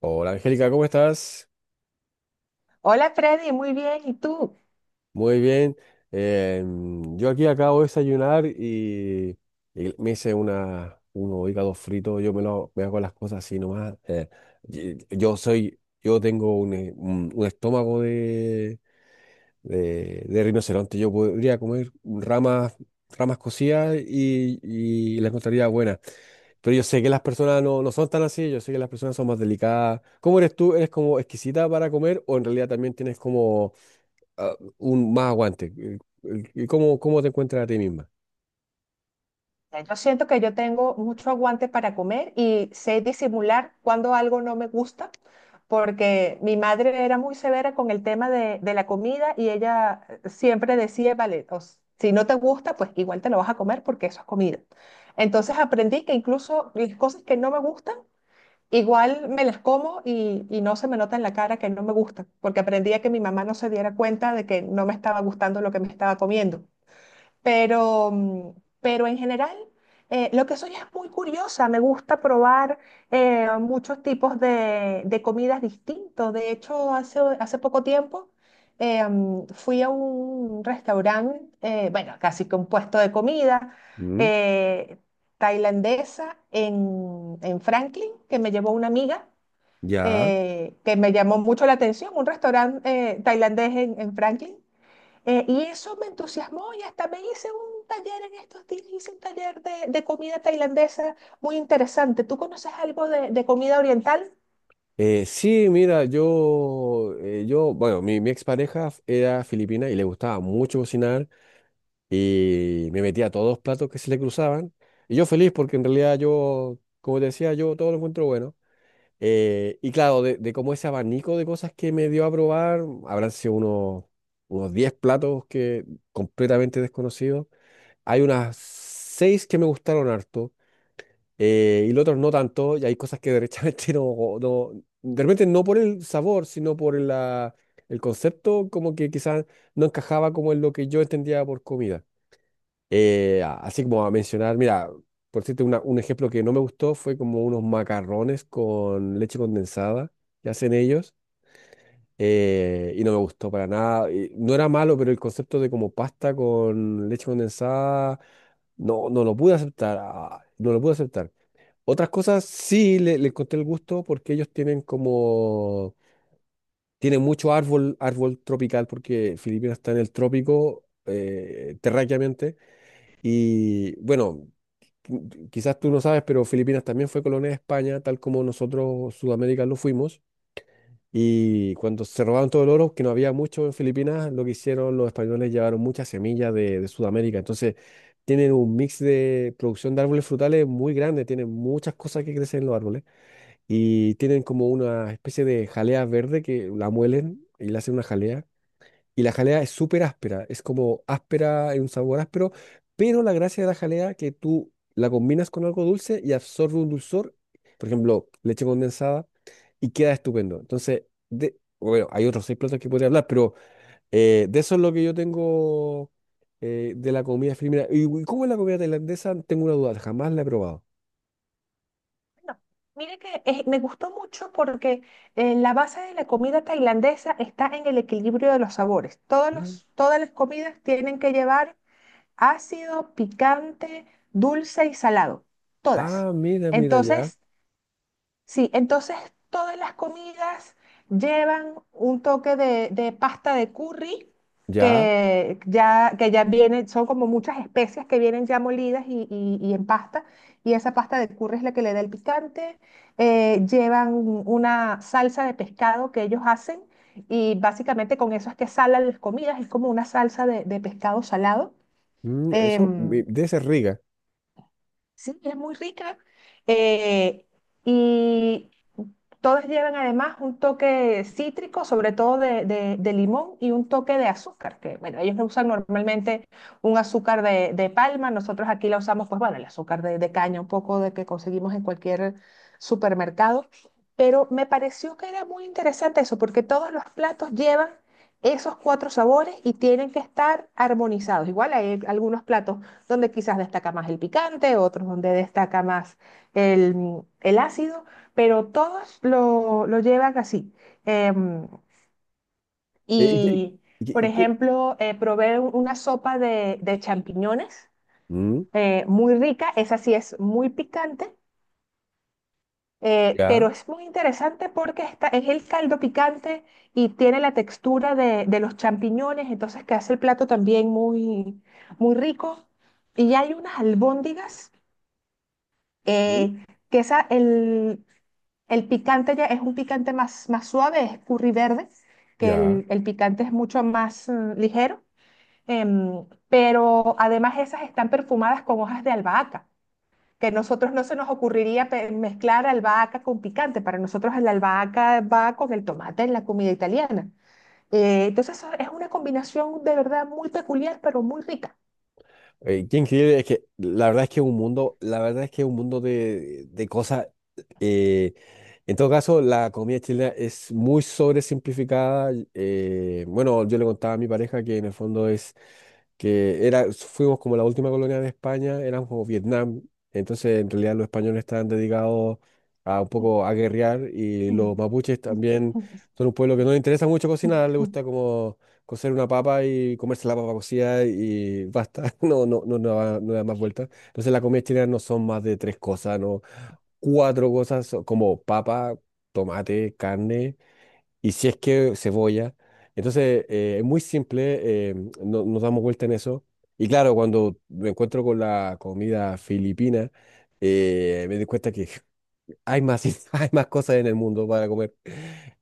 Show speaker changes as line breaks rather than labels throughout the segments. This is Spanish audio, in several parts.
Hola Angélica, ¿cómo estás?
Hola Freddy, muy bien. ¿Y tú?
Muy bien. Yo aquí acabo de desayunar y me hice unos hígados fritos. Me hago las cosas así nomás. Yo tengo un estómago de rinoceronte. Yo podría comer ramas cocidas y las encontraría buenas. Pero yo sé que las personas no son tan así. Yo sé que las personas son más delicadas. ¿Cómo eres tú? ¿Eres como exquisita para comer o en realidad también tienes como un más aguante? ¿Cómo te encuentras a ti misma?
Ya Yo siento que yo tengo mucho aguante para comer y sé disimular cuando algo no me gusta, porque mi madre era muy severa con el tema de la comida y ella siempre decía, vale, si no te gusta, pues igual te lo vas a comer porque eso es comida. Entonces aprendí que incluso las cosas que no me gustan, igual me las como y no se me nota en la cara que no me gustan, porque aprendí a que mi mamá no se diera cuenta de que no me estaba gustando lo que me estaba comiendo. Pero, mm, pero en general, lo que soy es muy curiosa. Me gusta probar muchos tipos de comidas distintos. De hecho, hace poco tiempo fui a un restaurante, bueno, casi que un puesto de comida
Mm.
eh, tailandesa en Franklin, que me llevó una amiga,
Ya.
que me llamó mucho la atención, un restaurante tailandés en Franklin. Y eso me entusiasmó y hasta me hice un taller en estos días, hice un taller de comida tailandesa muy interesante. ¿Tú conoces algo de comida oriental?
Sí, mira, bueno, mi expareja era filipina y le gustaba mucho cocinar y me metía a todos los platos que se le cruzaban. Y yo feliz porque en realidad yo, como te decía, yo todo lo encuentro bueno. Y claro, de como ese abanico de cosas que me dio a probar, habrán sido unos 10 platos que completamente desconocidos. Hay unas 6 que me gustaron harto. Y los otros no tanto, y hay cosas que derechamente no, no, de repente no por el sabor, sino por el concepto, como que quizás no encajaba como en lo que yo entendía por comida. Así como a mencionar, mira, por decirte un ejemplo que no me gustó fue como unos macarrones con leche condensada que hacen ellos, y no me gustó para nada. Y no era malo, pero el concepto de como pasta con leche condensada, no, no lo pude aceptar, no lo pude aceptar. Otras cosas sí le encontré el gusto porque ellos tienen tienen mucho árbol, árbol tropical porque Filipinas está en el trópico, terráqueamente. Y bueno, quizás tú no sabes, pero Filipinas también fue colonia de España, tal como nosotros Sudamérica lo fuimos. Y cuando se robaron todo el oro, que no había mucho en Filipinas, lo que hicieron los españoles llevaron muchas semillas de Sudamérica. Entonces tienen un mix de producción de árboles frutales muy grande, tienen muchas cosas que crecen en los árboles y tienen como una especie de jalea verde que la muelen y le hacen una jalea. Y la jalea es súper áspera, es como áspera, en un sabor áspero, pero la gracia de la jalea que tú la combinas con algo dulce y absorbe un dulzor, por ejemplo, leche condensada, y queda estupendo. Entonces, de, bueno, hay otros seis platos que podría hablar, pero de eso es lo que yo tengo de la comida filipina. ¿Y cómo es la comida tailandesa? Tengo una duda, jamás la he probado.
No. Mire que me gustó mucho porque la base de la comida tailandesa está en el equilibrio de los sabores.
Mm.
Todas las comidas tienen que llevar ácido, picante, dulce y salado. Todas.
Ah, mira, mira, ya.
Entonces, Sí, entonces todas las comidas llevan un toque de pasta de curry
Ya.
que ya viene, son como muchas especias que vienen ya molidas y en pasta, y esa pasta de curry es la que le da el picante. Llevan una salsa de pescado que ellos hacen y básicamente con eso es que salan las comidas, es como una salsa de pescado salado.
Mm, eso
Em,
debe ser Riga.
Sí, es muy rica. eh, y Todas llevan además un toque cítrico, sobre todo de, de limón y un toque de azúcar, que bueno, ellos no usan normalmente un azúcar de palma, nosotros aquí la usamos, pues bueno, el azúcar de caña, un poco de que conseguimos en cualquier supermercado. Pero me pareció que era muy interesante eso, porque todos los platos llevan esos cuatro sabores y tienen que estar armonizados. Igual hay algunos platos donde quizás destaca más el picante, otros donde destaca más el ácido, pero todos lo llevan así. Em,
Eh, ¿y qué-
y,
y qué-
por
y qué-
ejemplo, probé una sopa de champiñones
Mm,
muy rica, esa sí es muy picante.
ya.
Pero es muy interesante porque es el caldo picante y tiene la textura de los champiñones, entonces que hace el plato también muy, muy rico. Y hay unas albóndigas
Mm.
eh, que esa, el, el picante ya es un picante más, más suave, es curry verde, que
Ya.
el picante es mucho más ligero, pero además esas están perfumadas con hojas de albahaca, que a nosotros no se nos ocurriría mezclar albahaca con picante, para nosotros la albahaca va con el tomate en la comida italiana. Entonces eso es una combinación de verdad muy peculiar, pero muy rica.
Qué increíble, es que la verdad es que es un mundo, la verdad es que es un mundo de cosas. eh, en todo caso, la comida chilena es muy sobresimplificada. Bueno, yo le contaba a mi pareja que en el fondo es que era, fuimos como la última colonia de España, éramos como Vietnam, entonces en realidad los españoles estaban dedicados a un poco a guerrear y los mapuches también son un pueblo que no le interesa mucho cocinar, le gusta como cocer una papa y comerse la papa cocida y basta, no, no, no, no, no da más vueltas. Entonces la comida chilena no son más de tres cosas, no, cuatro cosas como papa, tomate, carne y si es que cebolla. Entonces, es muy simple, nos damos vuelta en eso. Y claro, cuando me encuentro con la comida filipina, me doy cuenta que hay más, hay más cosas en el mundo para comer.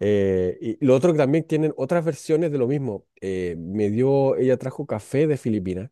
Y lo otro que también tienen otras versiones de lo mismo. Ella trajo café de Filipinas.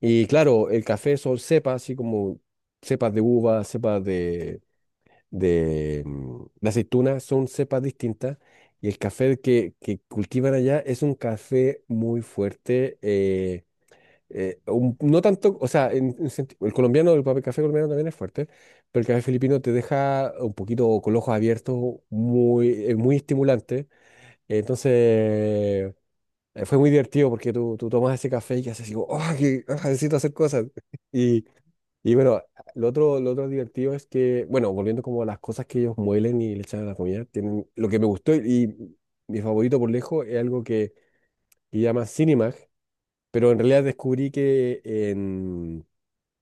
Y claro, el café son cepas, así como cepas de uva, cepas de aceituna son cepas distintas y el café que cultivan allá es un café muy fuerte. No tanto, o sea, el colombiano, el papel café colombiano también es fuerte, pero el café filipino te deja un poquito con los ojos abiertos, muy, muy estimulante. Entonces, fue muy divertido porque tú tomas ese café y haces así, como, "Oh, que, necesito hacer cosas!" Y, y bueno, lo otro divertido es que, bueno, volviendo como a las cosas que ellos muelen y le echan a la comida, lo que me gustó y, mi favorito por lejos es algo que llama Cinemag, pero en realidad descubrí que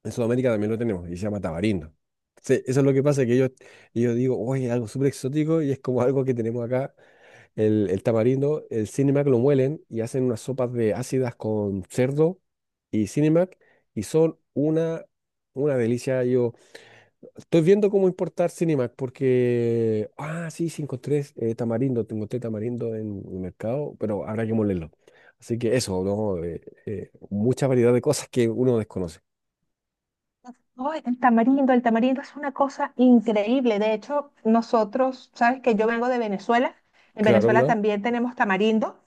en Sudamérica también lo tenemos y se llama tamarindo. Se- eso es lo que pasa, que ellos, yo digo, oye, es algo súper exótico y es como algo que tenemos acá, el tamarindo, el Cinemag lo muelen y hacen unas sopas de ácidas con cerdo y Cinemag y son una... una delicia, yo estoy viendo cómo importar Cinemac porque... Ah, sí, sí, encontré tamarindo, te encontré tamarindo en el mercado, pero habrá que molerlo. Así que eso, ¿no? Mucha variedad de cosas que uno desconoce.
Oh, el tamarindo es una cosa increíble. De hecho, nosotros, sabes que yo vengo de Venezuela. En
Claro,
Venezuela
claro.
también tenemos tamarindo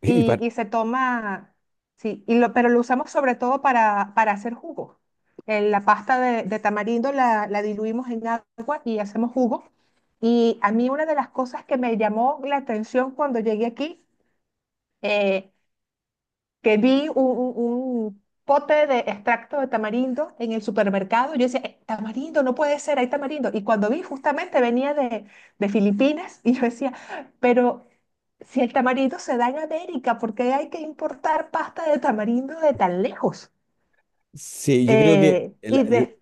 Y, para...
y se toma, sí, pero lo usamos sobre todo para hacer jugo. En la pasta de tamarindo la diluimos en agua y hacemos jugo. Y a mí una de las cosas que me llamó la atención cuando llegué aquí eh, que vi un pote de extracto de tamarindo en el supermercado. Yo decía, tamarindo, no puede ser, hay tamarindo". Y cuando vi, justamente venía de Filipinas y yo decía, pero si el tamarindo se da en América, ¿por qué hay que importar pasta de tamarindo de tan lejos?
Sí, yo creo que
Eh, y, de-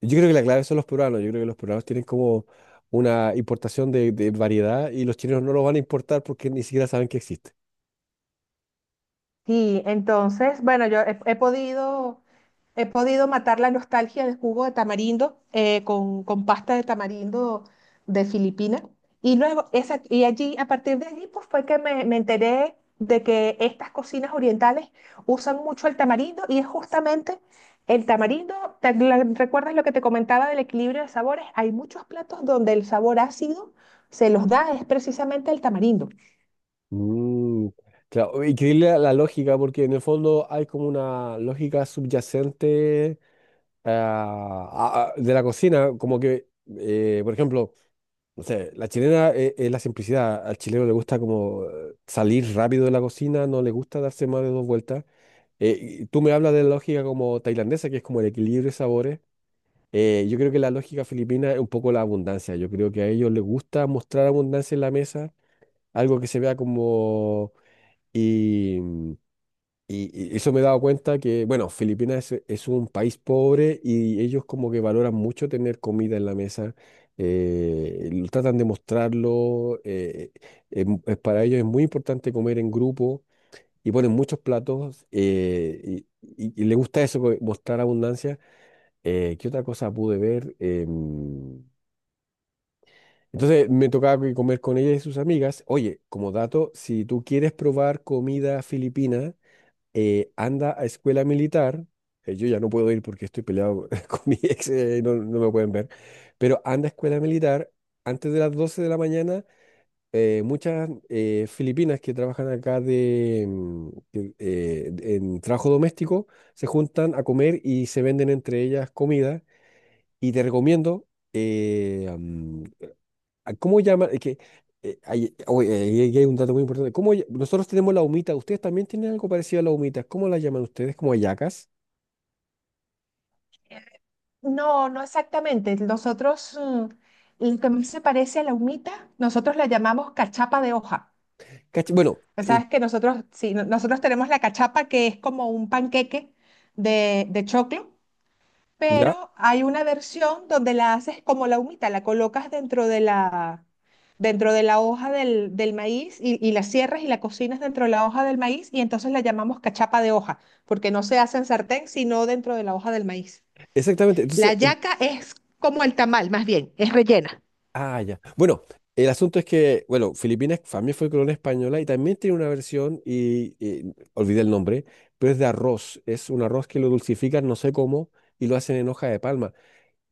yo creo que la clave son los peruanos. Yo creo que los peruanos tienen como una importación de variedad y los chinos no lo van a importar porque ni siquiera saben que existe.
entonces, bueno, he podido... He podido matar la nostalgia del jugo de tamarindo con pasta de tamarindo de Filipinas. Y luego, esa, y allí, a partir de allí, pues fue que me enteré de que estas cocinas orientales usan mucho el tamarindo y es justamente el tamarindo. ¿Recuerdas lo que te comentaba del equilibrio de sabores? Hay muchos platos donde el sabor ácido se los da es precisamente el tamarindo.
Mm, claro, increíble la lógica, porque en el fondo hay como una lógica subyacente de la cocina, como que, por ejemplo, no sé, la chilena es, la simplicidad. Al chileno le gusta como salir rápido de la cocina, no le gusta darse más de dos vueltas. Y tú me hablas de la lógica como tailandesa, que es como el equilibrio de sabores. Yo creo que la lógica filipina es un poco la abundancia. Yo creo que a ellos les gusta mostrar abundancia en la mesa, algo que se vea como... Y, y eso me he dado cuenta que, bueno, Filipinas es un país pobre y ellos como que valoran mucho tener comida en la mesa, lo tratan de mostrarlo, es para ellos es muy importante comer en grupo y ponen muchos platos y les gusta eso, mostrar abundancia. ¿Qué otra cosa pude ver? Entonces me tocaba que comer con ella y sus amigas. Oye, como dato, si tú quieres probar comida filipina, anda a escuela militar, yo ya no puedo ir porque estoy peleado con mi ex, no, no me pueden ver, pero anda a escuela militar antes de las 12 de la mañana. Muchas filipinas que trabajan acá en trabajo doméstico se juntan a comer y se venden entre ellas comida. Y te recomiendo, eh, am, ah, ¿cómo llaman? Es que ahí hay, un dato muy importante. Nosotros tenemos la humita. ¿Ustedes también tienen algo parecido a la humita? ¿Cómo la llaman ustedes? ¿Como hallacas?
No, no exactamente. Nosotros, mm, lo que más se parece a la humita, nosotros la llamamos cachapa de hoja.
Bueno,
Pues sabes que nosotros, sí, nosotros tenemos la cachapa que es como un panqueque de choclo,
ya,
pero hay una versión donde la haces como la humita, la colocas dentro de la hoja del maíz y la cierras y la cocinas dentro de la hoja del maíz y entonces la llamamos cachapa de hoja, porque no se hace en sartén, sino dentro de la hoja del maíz.
exactamente.
La
Entonces,
yaca es como el tamal, más bien, es rellena.
ah, ya. Bueno, el asunto es que, bueno, Filipinas también fue colonia española y también tiene una versión, y olvidé el nombre, pero es de arroz. Es un arroz que lo dulcifican, no sé cómo, y lo hacen en hoja de palma.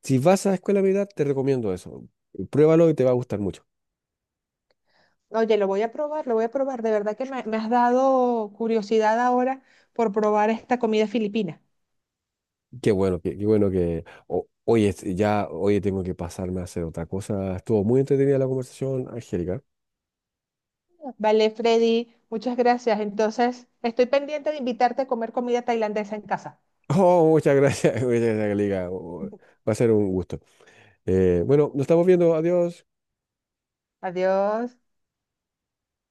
Si vas a Escuela Militar, te recomiendo eso. Pruébalo y te va a gustar mucho.
Oye, lo voy a probar, lo voy a probar. De verdad que me has dado curiosidad ahora por probar esta comida filipina.
Qué bueno, qué, qué bueno que... oye, ya, oye, tengo que pasarme a hacer otra cosa. Estuvo muy entretenida la conversación, Angélica.
Vale, Freddy, muchas gracias. Entonces, estoy pendiente de invitarte a comer comida tailandesa en casa.
Oh, muchas gracias, muchas gracias, Angélica. Oh, oh, va a ser un gusto. Bueno, nos estamos viendo. Adiós.
Adiós.